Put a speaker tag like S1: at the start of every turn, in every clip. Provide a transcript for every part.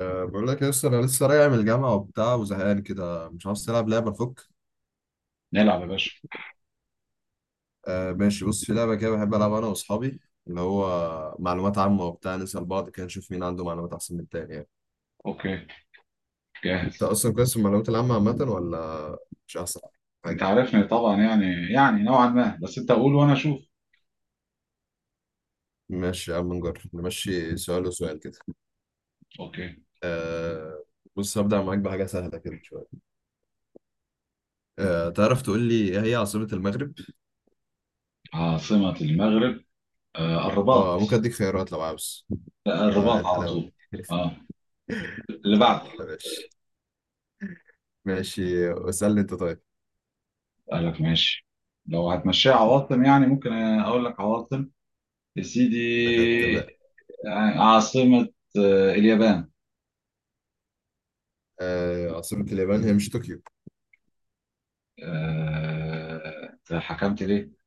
S1: بقول لك يا اسطى، انا لسه راجع من الجامعه وبتاع وزهقان كده. مش عاوز تلعب لعبه؟ فك
S2: نلعب يا باشا.
S1: ماشي، بص في لعبه كده بحب العبها انا واصحابي، اللي هو معلومات عامه وبتاع، نسال بعض كده نشوف مين عنده معلومات احسن من التاني يعني.
S2: اوكي.
S1: انت
S2: جاهز.
S1: اصلا كويس في المعلومات العامه عامه، ولا مش احسن
S2: انت
S1: حاجه؟
S2: عارفني طبعا، يعني نوعا ما، بس انت قول وانا اشوف.
S1: ماشي يا عم، نجرب نمشي سؤال وسؤال كده.
S2: اوكي.
S1: أه بص، هبدا معاك بحاجه سهله كده شويه. تعرف تقول لي ايه هي عاصمه المغرب؟
S2: عاصمة المغرب، آه الرباط.
S1: اه ممكن اديك خيارات لو عاوز.
S2: لا،
S1: ده إيه
S2: الرباط على
S1: الحلاوه
S2: طول.
S1: دي؟
S2: اه، اللي بعده.
S1: صح، ماشي. ماشي اسالني انت طيب.
S2: قال لك ماشي، لو هتمشيها عواصم يعني ممكن اقول لك عواصم يا سيدي.
S1: أخدت بقى.
S2: عاصمة اليابان.
S1: عاصمة اليابان هي مش طوكيو؟
S2: آه، أنت حكمت ليه؟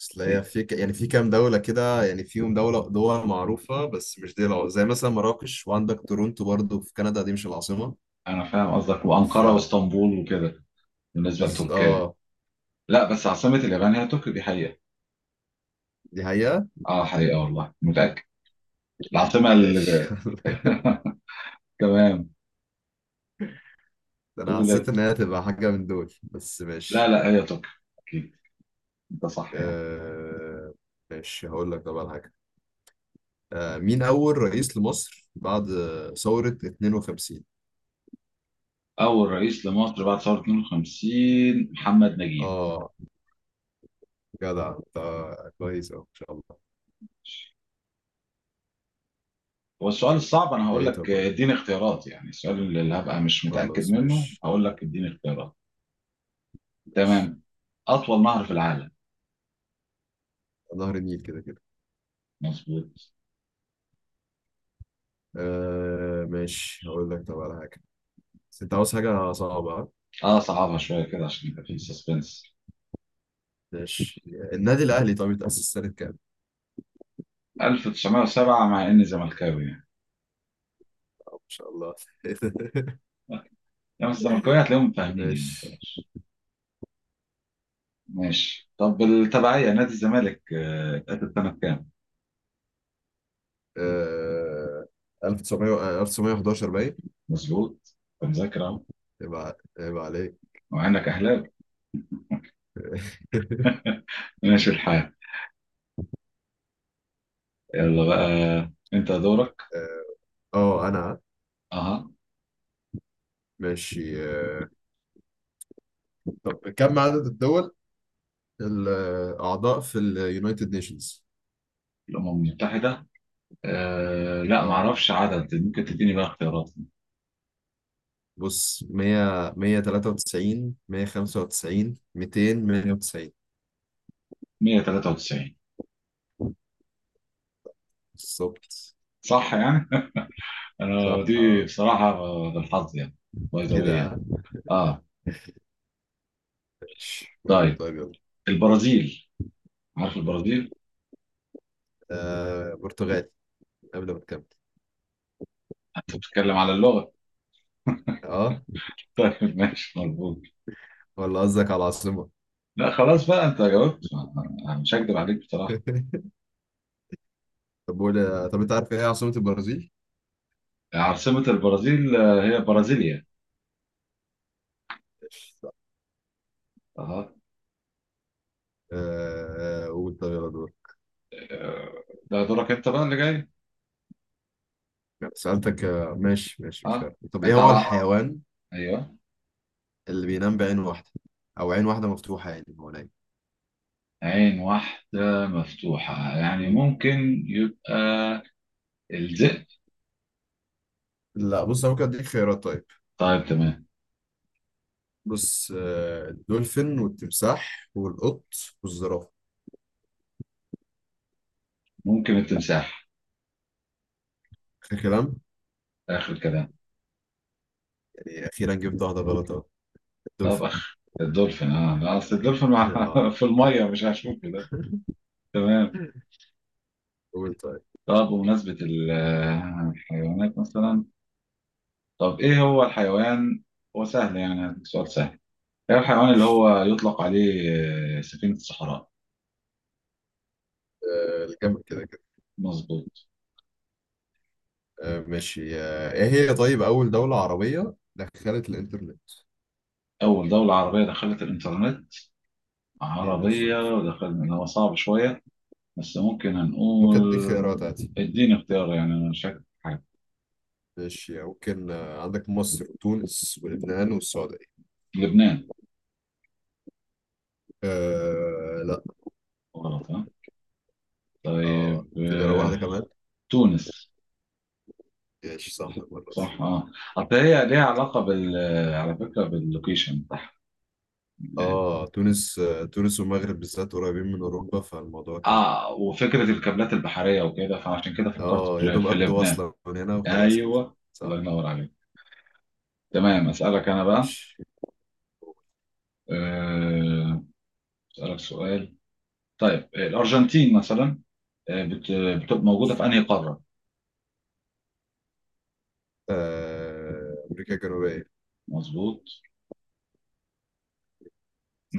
S1: أصل هي
S2: إيه،
S1: يعني في كام دولة كده يعني فيهم دولة، دول معروفة بس مش دي العاصمة. زي مثلا مراكش، وعندك تورونتو برضو في كندا، دي مش العاصمة.
S2: انا فاهم قصدك،
S1: ف
S2: وانقرة واسطنبول وكده بالنسبة
S1: بز...
S2: لتركيا.
S1: اه
S2: لا، بس عاصمة اليابان هي طوكيو، دي حقيقة.
S1: دي حقيقة.
S2: اه، حقيقة، والله متأكد. العاصمة
S1: ماشي.
S2: ال... تمام.
S1: ده أنا حسيت إن
S2: قولت
S1: هي هتبقى حاجة من دول، بس
S2: لا
S1: ماشي.
S2: لا هي طوكيو، أكيد، أنت صح يعني.
S1: آه... ماشي، هقول لك طبعا حاجة. مين أول رئيس لمصر بعد ثورة 52؟
S2: أول رئيس لمصر بعد ثورة 52، محمد نجيب.
S1: اه جدع انت، كويس أوي، ان شاء الله.
S2: هو السؤال الصعب أنا هقول
S1: ايه،
S2: لك،
S1: طب قول لي.
S2: اديني اختيارات، يعني السؤال اللي هبقى مش متأكد
S1: خلاص
S2: منه
S1: ماشي.
S2: هقول لك اديني اختيارات.
S1: ماشي.
S2: تمام. أطول نهر في العالم.
S1: نهر النيل كده كده.
S2: مظبوط.
S1: ماشي، هقول لك طب على حاجة. بس انت عاوز حاجة صعبة، ها؟
S2: اه، صعبها شوية كده عشان يبقى في سسبنس.
S1: ماشي. النادي الأهلي طب اتأسس سنة كام؟
S2: 1907، مع إني زملكاوي يعني.
S1: ما شاء الله.
S2: يعني الزملكاوية هتلاقيهم فاهمين، يعني ما
S1: ماشي.
S2: تقلقش. ماشي. طب التبعية نادي الزمالك اتأسس سنة كام؟
S1: آه 1900 1911 باين.
S2: مظبوط، أنت مذاكر أهو،
S1: يبقى عليك.
S2: مع إنك أهلاوي. ماشي الحال. يلا بقى، أنت دورك.
S1: اه انا
S2: أها.
S1: ماشي. طب كم عدد الدول الأعضاء في اليونايتد نيشنز؟
S2: الأمم المتحدة. آه، لا
S1: اه
S2: معرفش عدد، ممكن تديني بقى اختيارات.
S1: بص، 100، 193، 195، 200، 190.
S2: 193.
S1: بالظبط.
S2: صح يعني؟ أنا
S1: صح
S2: دي
S1: آه.
S2: بصراحة بالحظ يعني، باي ذا واي يعني.
S1: كده.
S2: أه،
S1: قول
S2: طيب.
S1: طيب يلا.
S2: البرازيل، عارف البرازيل؟
S1: برتغال. قبل ما تكمل.
S2: أنت بتتكلم على اللغة.
S1: اه
S2: طيب ماشي، مظبوط.
S1: ولا قصدك على العاصمة؟
S2: لا، خلاص بقى أنت جاوبت، أنا مش هكدب عليك.
S1: طب قول، طب انت عارف ايه عاصمة البرازيل؟
S2: عاصمة البرازيل هي برازيليا.
S1: لا.
S2: اها.
S1: قول طب، يلا دور.
S2: آه، ده دورك انت بقى اللي جاي.
S1: سألتك. ماشي ماشي، مش
S2: اه،
S1: عارف. طب ايه
S2: انت
S1: هو
S2: على.
S1: الحيوان
S2: ايوه.
S1: اللي بينام بعين واحدة او عين واحدة مفتوحة يعني هو نايم؟
S2: عين واحدة مفتوحة، يعني
S1: مم.
S2: ممكن يبقى الذئب.
S1: لا، بص انا ممكن اديك خيارات طيب.
S2: طيب تمام.
S1: بص الدولفين والتمساح والقط والزرافة.
S2: ممكن التمساح،
S1: اخر كلام.
S2: اخر كلام.
S1: يعني اخيرا جبت واحدة غلط اهو.
S2: طب
S1: الدولفين.
S2: الدولفين، اه لا، اصل الدولفين.
S1: اه
S2: في المية مش هشوف كده. تمام.
S1: قول طيب.
S2: طب بمناسبة الحيوانات مثلا. طب ايه هو الحيوان؟ هو سهل يعني، هديك سؤال سهل. ده الحيوان اللي هو يطلق عليه سفينة الصحراء.
S1: الجنب كده كده.
S2: مظبوط.
S1: ماشي. ايه هي طيب اول دولة عربية دخلت الانترنت؟
S2: أول دولة عربية دخلت الإنترنت. عربية
S1: بالظبط.
S2: ودخلنا اللي هو صعب شوية، بس ممكن
S1: ممكن اديك خيارات
S2: هنقول
S1: عادي.
S2: اديني اختيار، يعني أنا مش فاكر حاجة.
S1: ماشي ممكن. عندك مصر وتونس ولبنان والسعودية.
S2: لبنان.
S1: آه، لا.
S2: غلط ها.
S1: اه
S2: طيب
S1: تجرب واحدة كمان.
S2: تونس.
S1: ماشي، صح المرة دي.
S2: صح اه. أصل هي ليها علاقة بال آه، على فكرة باللوكيشن بتاعها.
S1: اه تونس. تونس والمغرب بالذات قريبين من اوروبا، فالموضوع كان.
S2: اه، وفكرة الكابلات البحرية وكده، فعشان كده فكرت
S1: اه يا
S2: في
S1: دوب
S2: في
S1: اخدوا
S2: لبنان.
S1: وصلة من هنا وخلاص كده.
S2: ايوه. الله
S1: صح.
S2: ينور عليك. تمام، أسألك أنا بقى.
S1: ماشي.
S2: آه، أسألك سؤال. طيب الأرجنتين مثلا، آه، بت- بتبقى موجودة في أنهي قارة؟
S1: امريكا الجنوبية.
S2: مظبوط.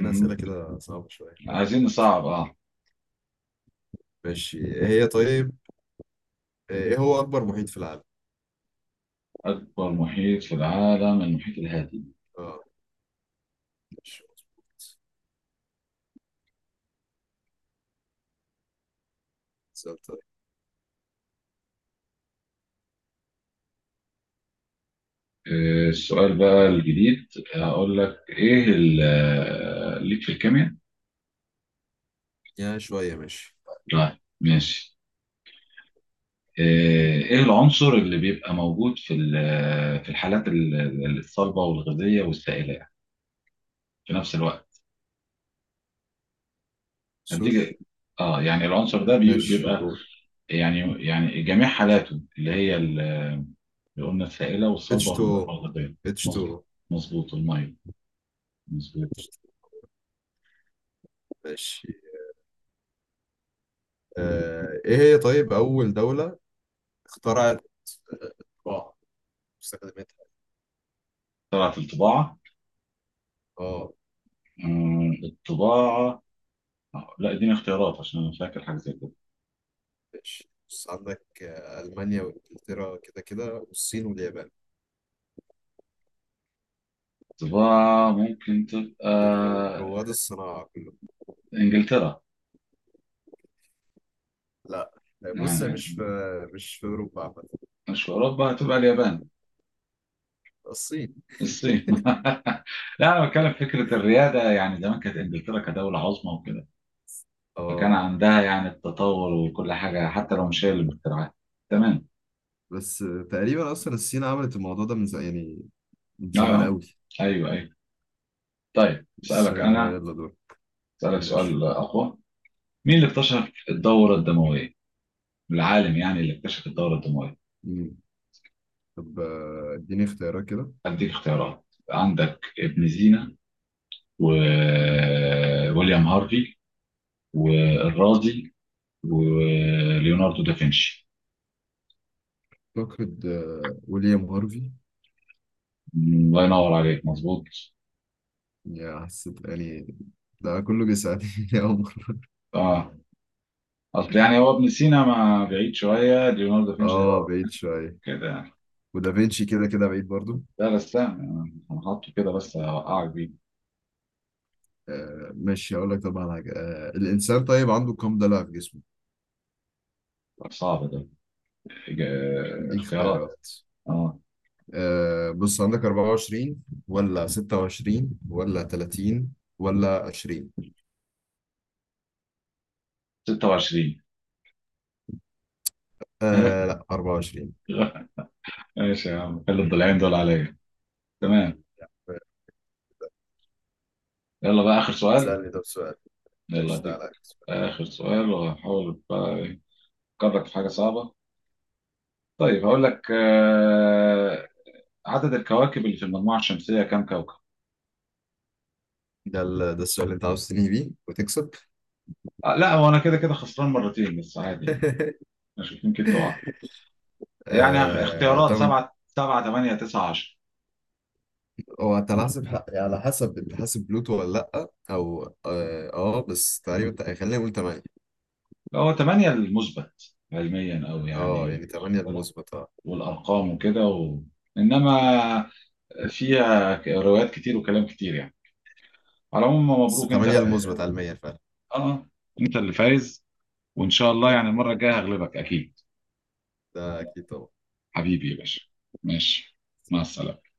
S1: أنا أسئلة كده صعبة شوية، أنا
S2: عايزين
S1: أقلب
S2: نصعب
S1: شوية.
S2: اه.
S1: ماشي. إيه هي طيب إيه هو أكبر محيط في العالم؟
S2: أكبر محيط في العالم المحيط الهادي.
S1: آه ماشي، مظبوط. سؤال طيب.
S2: السؤال بقى الجديد، هقول لك إيه ليك في الكيمياء؟
S1: يا شوية ماشي.
S2: طيب ماشي. آه، إيه العنصر اللي بيبقى موجود في الحالات الصلبة والغازية والسائلة في نفس الوقت؟
S1: سور.
S2: هديك. اه، يعني العنصر ده
S1: ماشي
S2: بيبقى
S1: قول.
S2: يعني جميع حالاته اللي هي اللي قلنا السائلة والصلبة
S1: H2O.
S2: والغذائية. مظبوط،
S1: H2O.
S2: مظبوط المية، مظبوط.
S1: H2O. ماشي. إيه هي طيب أول دولة اخترعت الطباعة، استخدمتها؟
S2: طلعت الطباعة.
S1: آه
S2: آه، الطباعة. آه، لا اديني اختيارات عشان انا فاكر حاجة زي كده.
S1: ماشي، بص عندك ألمانيا وإنجلترا كده كده، والصين واليابان.
S2: الطباعة ممكن تبقى
S1: دول رواد الصناعة كلهم.
S2: انجلترا
S1: لا، بص، مش في
S2: يعني.
S1: مش في أوروبا عامة.
S2: مش في اوروبا؟ هتبقى اليابان.
S1: الصين.
S2: الصين. لا، انا بتكلم في فكرة الريادة، يعني زمان كانت انجلترا كدولة عظمى وكده، فكان
S1: اه
S2: عندها يعني التطور وكل حاجة حتى لو مش هي اللي مخترعاها. تمام.
S1: بس تقريبا اصلا الصين عملت الموضوع ده من زمان يعني، من
S2: اه
S1: زمان
S2: آه.
S1: قوي.
S2: ايوه ايوه. طيب
S1: بس
S2: اسالك انا،
S1: يلا دور.
S2: اسالك
S1: ماشي.
S2: سؤال اقوى. مين اللي اكتشف الدوره الدمويه؟ العالم يعني اللي اكتشف الدوره الدمويه.
S1: مم. طب اديني اختيارات كده.
S2: اديك اختيارات. عندك ابن سينا، وويليام هارفي، والرازي، وليوناردو دافنشي.
S1: اعتقد ويليام هارفي.
S2: الله ينور عليك، مظبوط.
S1: يا، حسيت يعني ده كله بيساعدني. يا عمر.
S2: اه، اصل يعني هو ابن سينا ما بعيد شويه ليوناردو دافنشي ده
S1: اه
S2: بقى،
S1: بعيد شويه،
S2: كده يعني.
S1: ودافينشي كده كده بعيد برضو.
S2: لا بس لا، انا حاطه كده بس اوقعك بيه.
S1: ماشي، هقول لك طبعا حاجه. الانسان طيب عنده كام ضلع في جسمه؟
S2: صعب ده.
S1: ليك
S2: اختيارات.
S1: اختيارات.
S2: اه.
S1: بص عندك 24 ولا 26 ولا 30 ولا 20.
S2: 26.
S1: آه، لا، 24.
S2: ماشي يا عم، خلي الضلعين دول عليا. تمام. يلا بقى آخر سؤال.
S1: سألني طب سؤال.
S2: يلا
S1: ماشي
S2: أديك.
S1: تعالى.
S2: آخر سؤال، وهحاول بقى أفكرك في حاجة صعبة. طيب هقول لك عدد الكواكب اللي في المجموعة الشمسية كم كوكب؟
S1: ده السؤال اللي انت عاوز تنهي بيه وتكسب.
S2: لا، هو أنا كده كده خسران مرتين بس عادي. مش يمكن تقع. يعني اختيارات
S1: طبعا.
S2: سبعة سبعة تمانية تسعة 10.
S1: هو انت على حسب انت حاسب بلوتو ولا لا، او اه, آه بس تقريبا خلينا نقول 8.
S2: هو تمانية المثبت علميا أو
S1: اه
S2: يعني
S1: يعني
S2: واخد
S1: 8
S2: بالك؟
S1: المثبت اه
S2: والأرقام وكده. إنما فيها روايات كتير وكلام كتير يعني. على العموم
S1: بس
S2: مبروك انت.
S1: 8 المثبت على 100 فعلا.
S2: اه، انت اللي فايز. وان شاء الله يعني المره الجايه هغلبك اكيد.
S1: ده اكيد طبعا.
S2: حبيبي يا باشا. ماشي، مع السلامه.